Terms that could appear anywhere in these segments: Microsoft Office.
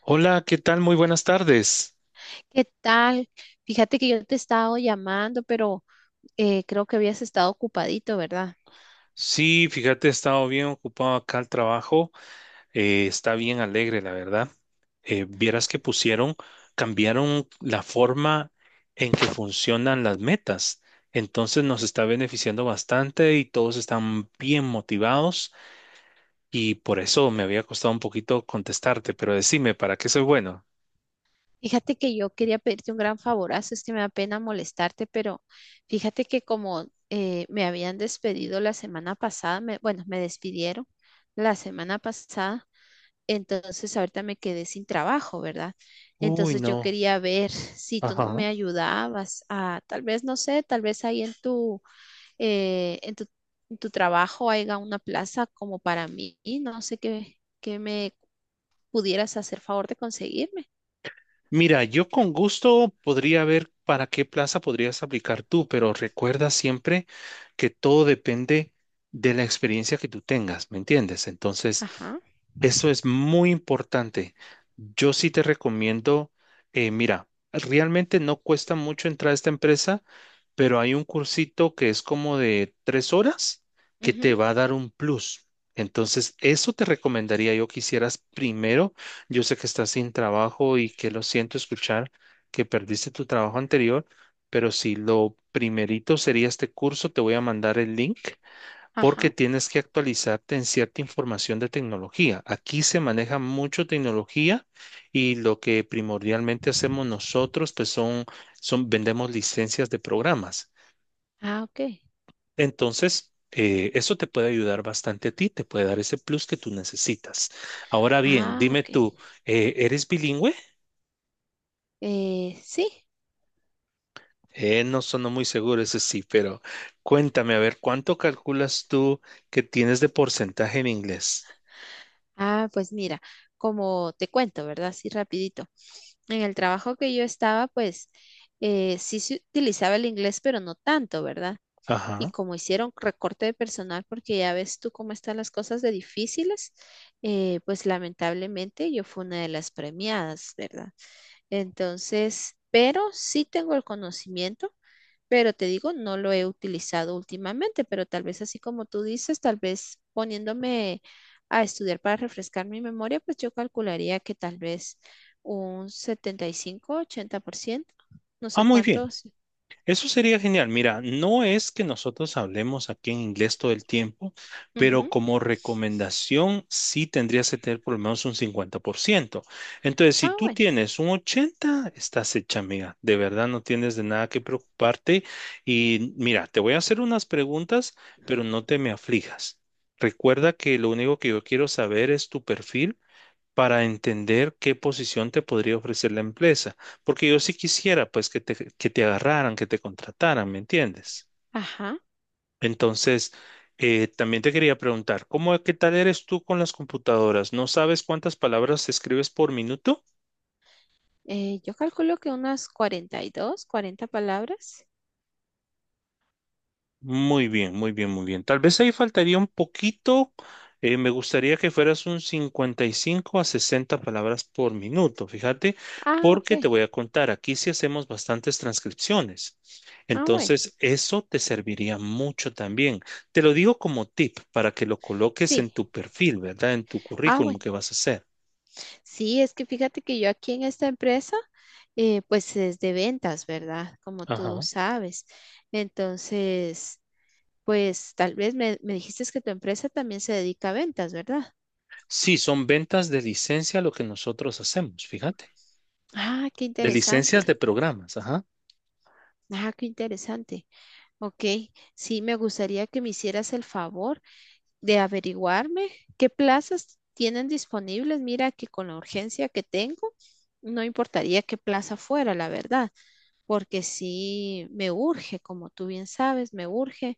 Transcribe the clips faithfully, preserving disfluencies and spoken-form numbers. Hola, ¿qué tal? Muy buenas tardes. ¿Qué tal? Fíjate que yo te he estado llamando, pero eh, creo que habías estado ocupadito, ¿verdad? Sí, fíjate, he estado bien ocupado acá al trabajo. Eh, está bien alegre, la verdad. Eh, vieras que pusieron, cambiaron la forma en que funcionan las metas. Entonces nos está beneficiando bastante y todos están bien motivados y por eso me había costado un poquito contestarte, pero decime, ¿para qué soy bueno? Fíjate que yo quería pedirte un gran favorazo, es que me da pena molestarte, pero fíjate que como eh, me habían despedido la semana pasada, me- bueno, me despidieron la semana pasada, entonces ahorita me quedé sin trabajo, ¿verdad? Uy, Entonces yo no. quería ver si tú no Ajá. me ayudabas a, tal vez, no sé, tal vez ahí en tu eh, en tu, en tu trabajo haya una plaza como para mí. Y no sé qué, qué me pudieras hacer favor de conseguirme. Mira, yo con gusto podría ver para qué plaza podrías aplicar tú, pero recuerda siempre que todo depende de la experiencia que tú tengas, ¿me entiendes? Entonces, Ajá. eso es muy importante. Yo sí te recomiendo, eh, mira, realmente no cuesta mucho entrar a esta empresa, pero hay un cursito que es como de tres horas que Ujú. te va a dar un plus. Entonces, eso te recomendaría yo que hicieras primero. Yo sé que estás sin trabajo y que lo siento escuchar que perdiste tu trabajo anterior, pero si lo primerito sería este curso, te voy a mandar el link porque Ajá. tienes que actualizarte en cierta información de tecnología. Aquí se maneja mucho tecnología y lo que primordialmente hacemos nosotros, pues son, son vendemos licencias de programas. Ah, ok. Entonces, eh, eso te puede ayudar bastante a ti, te puede dar ese plus que tú necesitas. Ahora bien, Ah, dime ok. tú, eh, ¿eres bilingüe? Eh, sí. Eh, no sonó muy seguro, eso sí, pero cuéntame, a ver, ¿cuánto calculas tú que tienes de porcentaje en inglés? Ah, pues mira, como te cuento, ¿verdad? Así rapidito. En el trabajo que yo estaba, pues eh, sí se utilizaba el inglés, pero no tanto, ¿verdad? Y Ajá. como hicieron recorte de personal, porque ya ves tú cómo están las cosas de difíciles, eh, pues lamentablemente yo fui una de las premiadas, ¿verdad? Entonces, pero sí tengo el conocimiento, pero te digo, no lo he utilizado últimamente, pero tal vez así como tú dices, tal vez poniéndome a estudiar para refrescar mi memoria, pues yo calcularía que tal vez un setenta y cinco, ochenta por ciento, no Ah, sé muy bien. cuántos. Eso sería genial. Mira, no es que nosotros hablemos aquí en inglés todo el tiempo, pero Ujú. como recomendación sí tendrías que tener por lo menos un cincuenta por ciento. Entonces, si Ah, tú bueno. tienes un ochenta, estás hecha, amiga. De verdad, no tienes de nada que preocuparte. Y mira, te voy a hacer unas preguntas, pero no te me aflijas. Recuerda que lo único que yo quiero saber es tu perfil para entender qué posición te podría ofrecer la empresa. Porque yo sí quisiera, pues, que te, que te agarraran, que te contrataran, ¿me entiendes? Ajá. Entonces, eh, también te quería preguntar, ¿cómo, qué tal eres tú con las computadoras? ¿No sabes cuántas palabras escribes por minuto? Eh, yo calculo que unas cuarenta y dos, cuarenta palabras. Muy bien, muy bien, muy bien. Tal vez ahí faltaría un poquito. Eh, me gustaría que fueras un cincuenta y cinco a sesenta palabras por minuto, fíjate, Ah, ok. porque te voy a contar, aquí sí hacemos bastantes transcripciones. Ah, bueno. Entonces, eso te serviría mucho también. Te lo digo como tip para que lo coloques Sí. en tu perfil, ¿verdad? En tu Ah, currículum bueno. que vas a hacer. Sí, es que fíjate que yo aquí en esta empresa, eh, pues es de ventas, ¿verdad? Como tú Ajá. sabes. Entonces, pues tal vez me, me dijiste que tu empresa también se dedica a ventas, ¿verdad? Sí, son ventas de licencia lo que nosotros hacemos, fíjate. Ah, qué De licencias de interesante. programas, ajá. Ah, qué interesante. Ok, sí, me gustaría que me hicieras el favor de averiguarme qué plazas tienen disponibles. Mira que con la urgencia que tengo, no importaría qué plaza fuera, la verdad, porque sí me urge, como tú bien sabes, me urge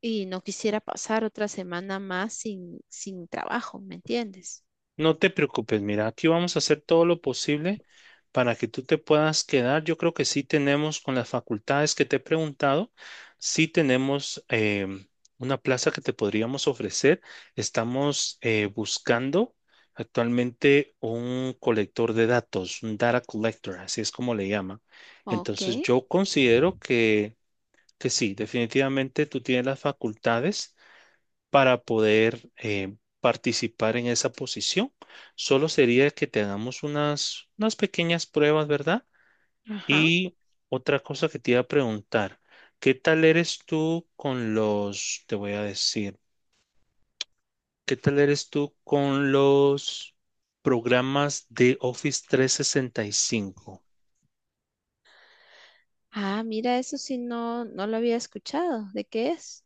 y no quisiera pasar otra semana más sin, sin trabajo, ¿me entiendes? No te preocupes, mira, aquí vamos a hacer todo lo posible para que tú te puedas quedar. Yo creo que sí tenemos con las facultades que te he preguntado, sí tenemos em, una plaza que te podríamos ofrecer. Estamos eh, buscando actualmente un colector de datos, un data collector, así es como le llaman. Ok, Entonces yo considero que, que sí, definitivamente tú tienes las facultades para poder eh, participar en esa posición. Solo sería que te hagamos unas, unas pequeñas pruebas, ¿verdad? ajá. Y otra cosa que te iba a preguntar, ¿qué tal eres tú con los, te voy a decir, ¿qué tal eres tú con los programas de Office trescientos sesenta y cinco? Ah, mira, eso sí no, no lo había escuchado. ¿De qué es?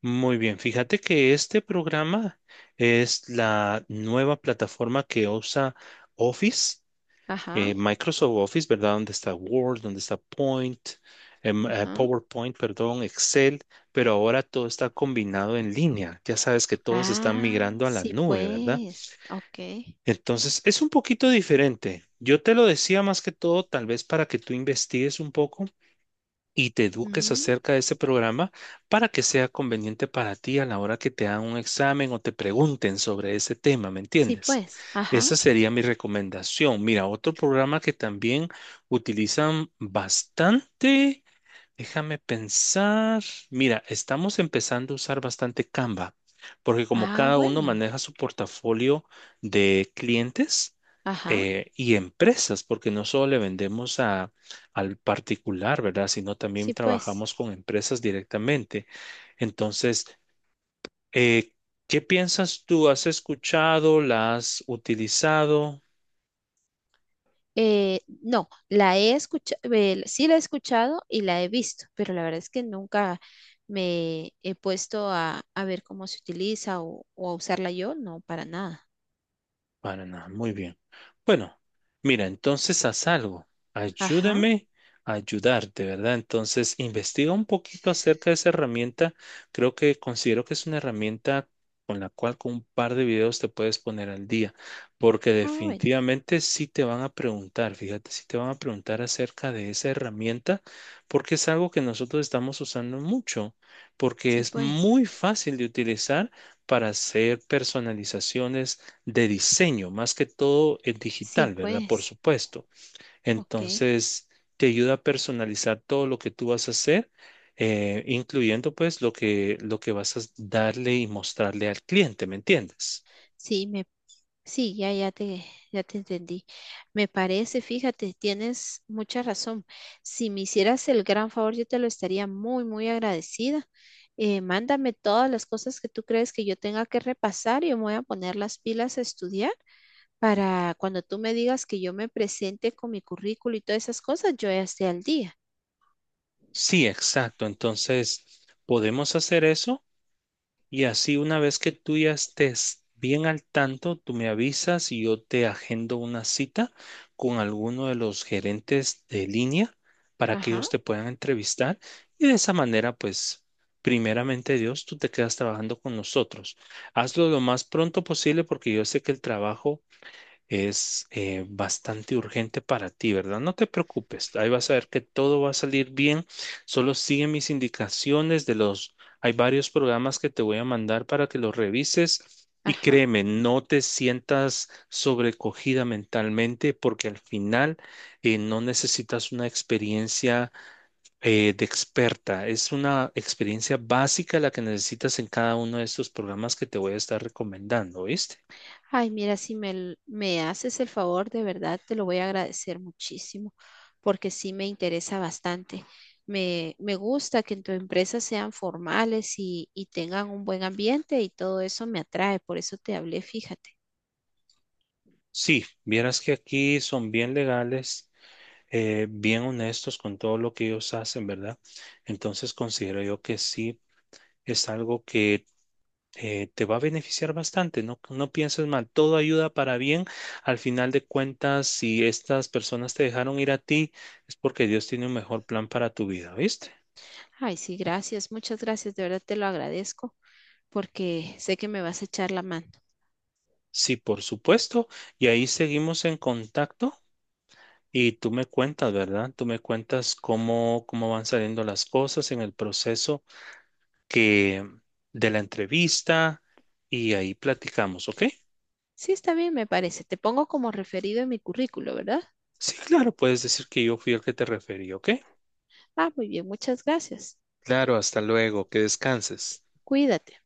Muy bien, fíjate que este programa es la nueva plataforma que usa Office Ajá, eh, Microsoft Office, ¿verdad? Donde está Word, donde está Point, em, eh, ajá. PowerPoint, perdón, Excel, pero ahora todo está combinado en línea. Ya sabes que todos están Ah, migrando a la sí nube, ¿verdad? pues, ok. Entonces, es un poquito diferente. Yo te lo decía más que todo, tal vez para que tú investigues un poco y te eduques Ujú, acerca de ese programa para que sea conveniente para ti a la hora que te hagan un examen o te pregunten sobre ese tema, ¿me sí entiendes? pues, ajá. Esa sería mi recomendación. Mira, otro programa que también utilizan bastante. Déjame pensar. Mira, estamos empezando a usar bastante Canva, porque como Ah, cada uno bueno, maneja su portafolio de clientes ajá, eh, y empresas, porque no solo le vendemos a, al particular, ¿verdad? Sino también sí, pues. trabajamos con empresas directamente. Entonces, eh, ¿qué piensas tú? ¿Has escuchado? ¿La has utilizado? Eh, no, la he escuchado, sí la he escuchado y la he visto, pero la verdad es que nunca me he puesto a, a ver cómo se utiliza o, o a usarla yo, no, para nada. Para nada, muy bien. Bueno, mira, entonces haz algo. Ajá, Ayúdame a ayudarte, ¿verdad? Entonces, investiga un poquito acerca de esa herramienta. Creo que considero que es una herramienta con la cual con un par de videos te puedes poner al día, porque ah, bueno, definitivamente sí te van a preguntar, fíjate, sí te van a preguntar acerca de esa herramienta, porque es algo que nosotros estamos usando mucho, porque sí, es pues, muy fácil de utilizar para hacer personalizaciones de diseño, más que todo es sí, digital, ¿verdad? Por pues, supuesto. ok. Entonces, te ayuda a personalizar todo lo que tú vas a hacer, eh, incluyendo pues lo que, lo que vas a darle y mostrarle al cliente, ¿me entiendes? Sí, me, sí, ya, ya te, ya te entendí. Me parece, fíjate, tienes mucha razón. Si me hicieras el gran favor, yo te lo estaría muy, muy agradecida. Eh, mándame todas las cosas que tú crees que yo tenga que repasar. Y yo me voy a poner las pilas a estudiar para cuando tú me digas que yo me presente con mi currículo y todas esas cosas, yo ya esté al día. Sí, exacto. Entonces, podemos hacer eso. Y así una vez que tú ya estés bien al tanto, tú me avisas y yo te agendo una cita con alguno de los gerentes de línea para que Ajá, ellos te puedan entrevistar. Y de esa manera, pues, primeramente Dios, tú te quedas trabajando con nosotros. Hazlo lo más pronto posible porque yo sé que el trabajo es eh, bastante urgente para ti, ¿verdad? No te preocupes, ahí vas a ver que todo va a salir bien, solo sigue mis indicaciones de los, hay varios programas que te voy a mandar para que los revises y ajá. créeme, no te sientas sobrecogida mentalmente porque al final eh, no necesitas una experiencia eh, de experta, es una experiencia básica la que necesitas en cada uno de estos programas que te voy a estar recomendando, ¿viste? Ay, mira, si me, l- me haces el favor, de verdad te lo voy a agradecer muchísimo, porque sí me interesa bastante. Me, me gusta que en tu empresa sean formales y, y tengan un buen ambiente y todo eso me atrae, por eso te hablé, fíjate. Sí, vieras que aquí son bien legales, eh, bien honestos con todo lo que ellos hacen, ¿verdad? Entonces considero yo que sí es algo que eh, te va a beneficiar bastante, no, no pienses mal, todo ayuda para bien. Al final de cuentas, si estas personas te dejaron ir a ti, es porque Dios tiene un mejor plan para tu vida, ¿viste? Ay, sí, gracias, muchas gracias, de verdad te lo agradezco, porque sé que me vas a echar la mano. Sí, por supuesto. Y ahí seguimos en contacto. Y tú me cuentas, ¿verdad? Tú me cuentas cómo, cómo van saliendo las cosas en el proceso que de la entrevista y ahí platicamos, ¿ok? Sí, está bien, me parece. Te pongo como referido en mi currículo, ¿verdad? Sí, claro, puedes decir que yo fui el que te referí, ¿ok? Ah, muy bien, muchas gracias. Claro, hasta luego, que descanses. Cuídate.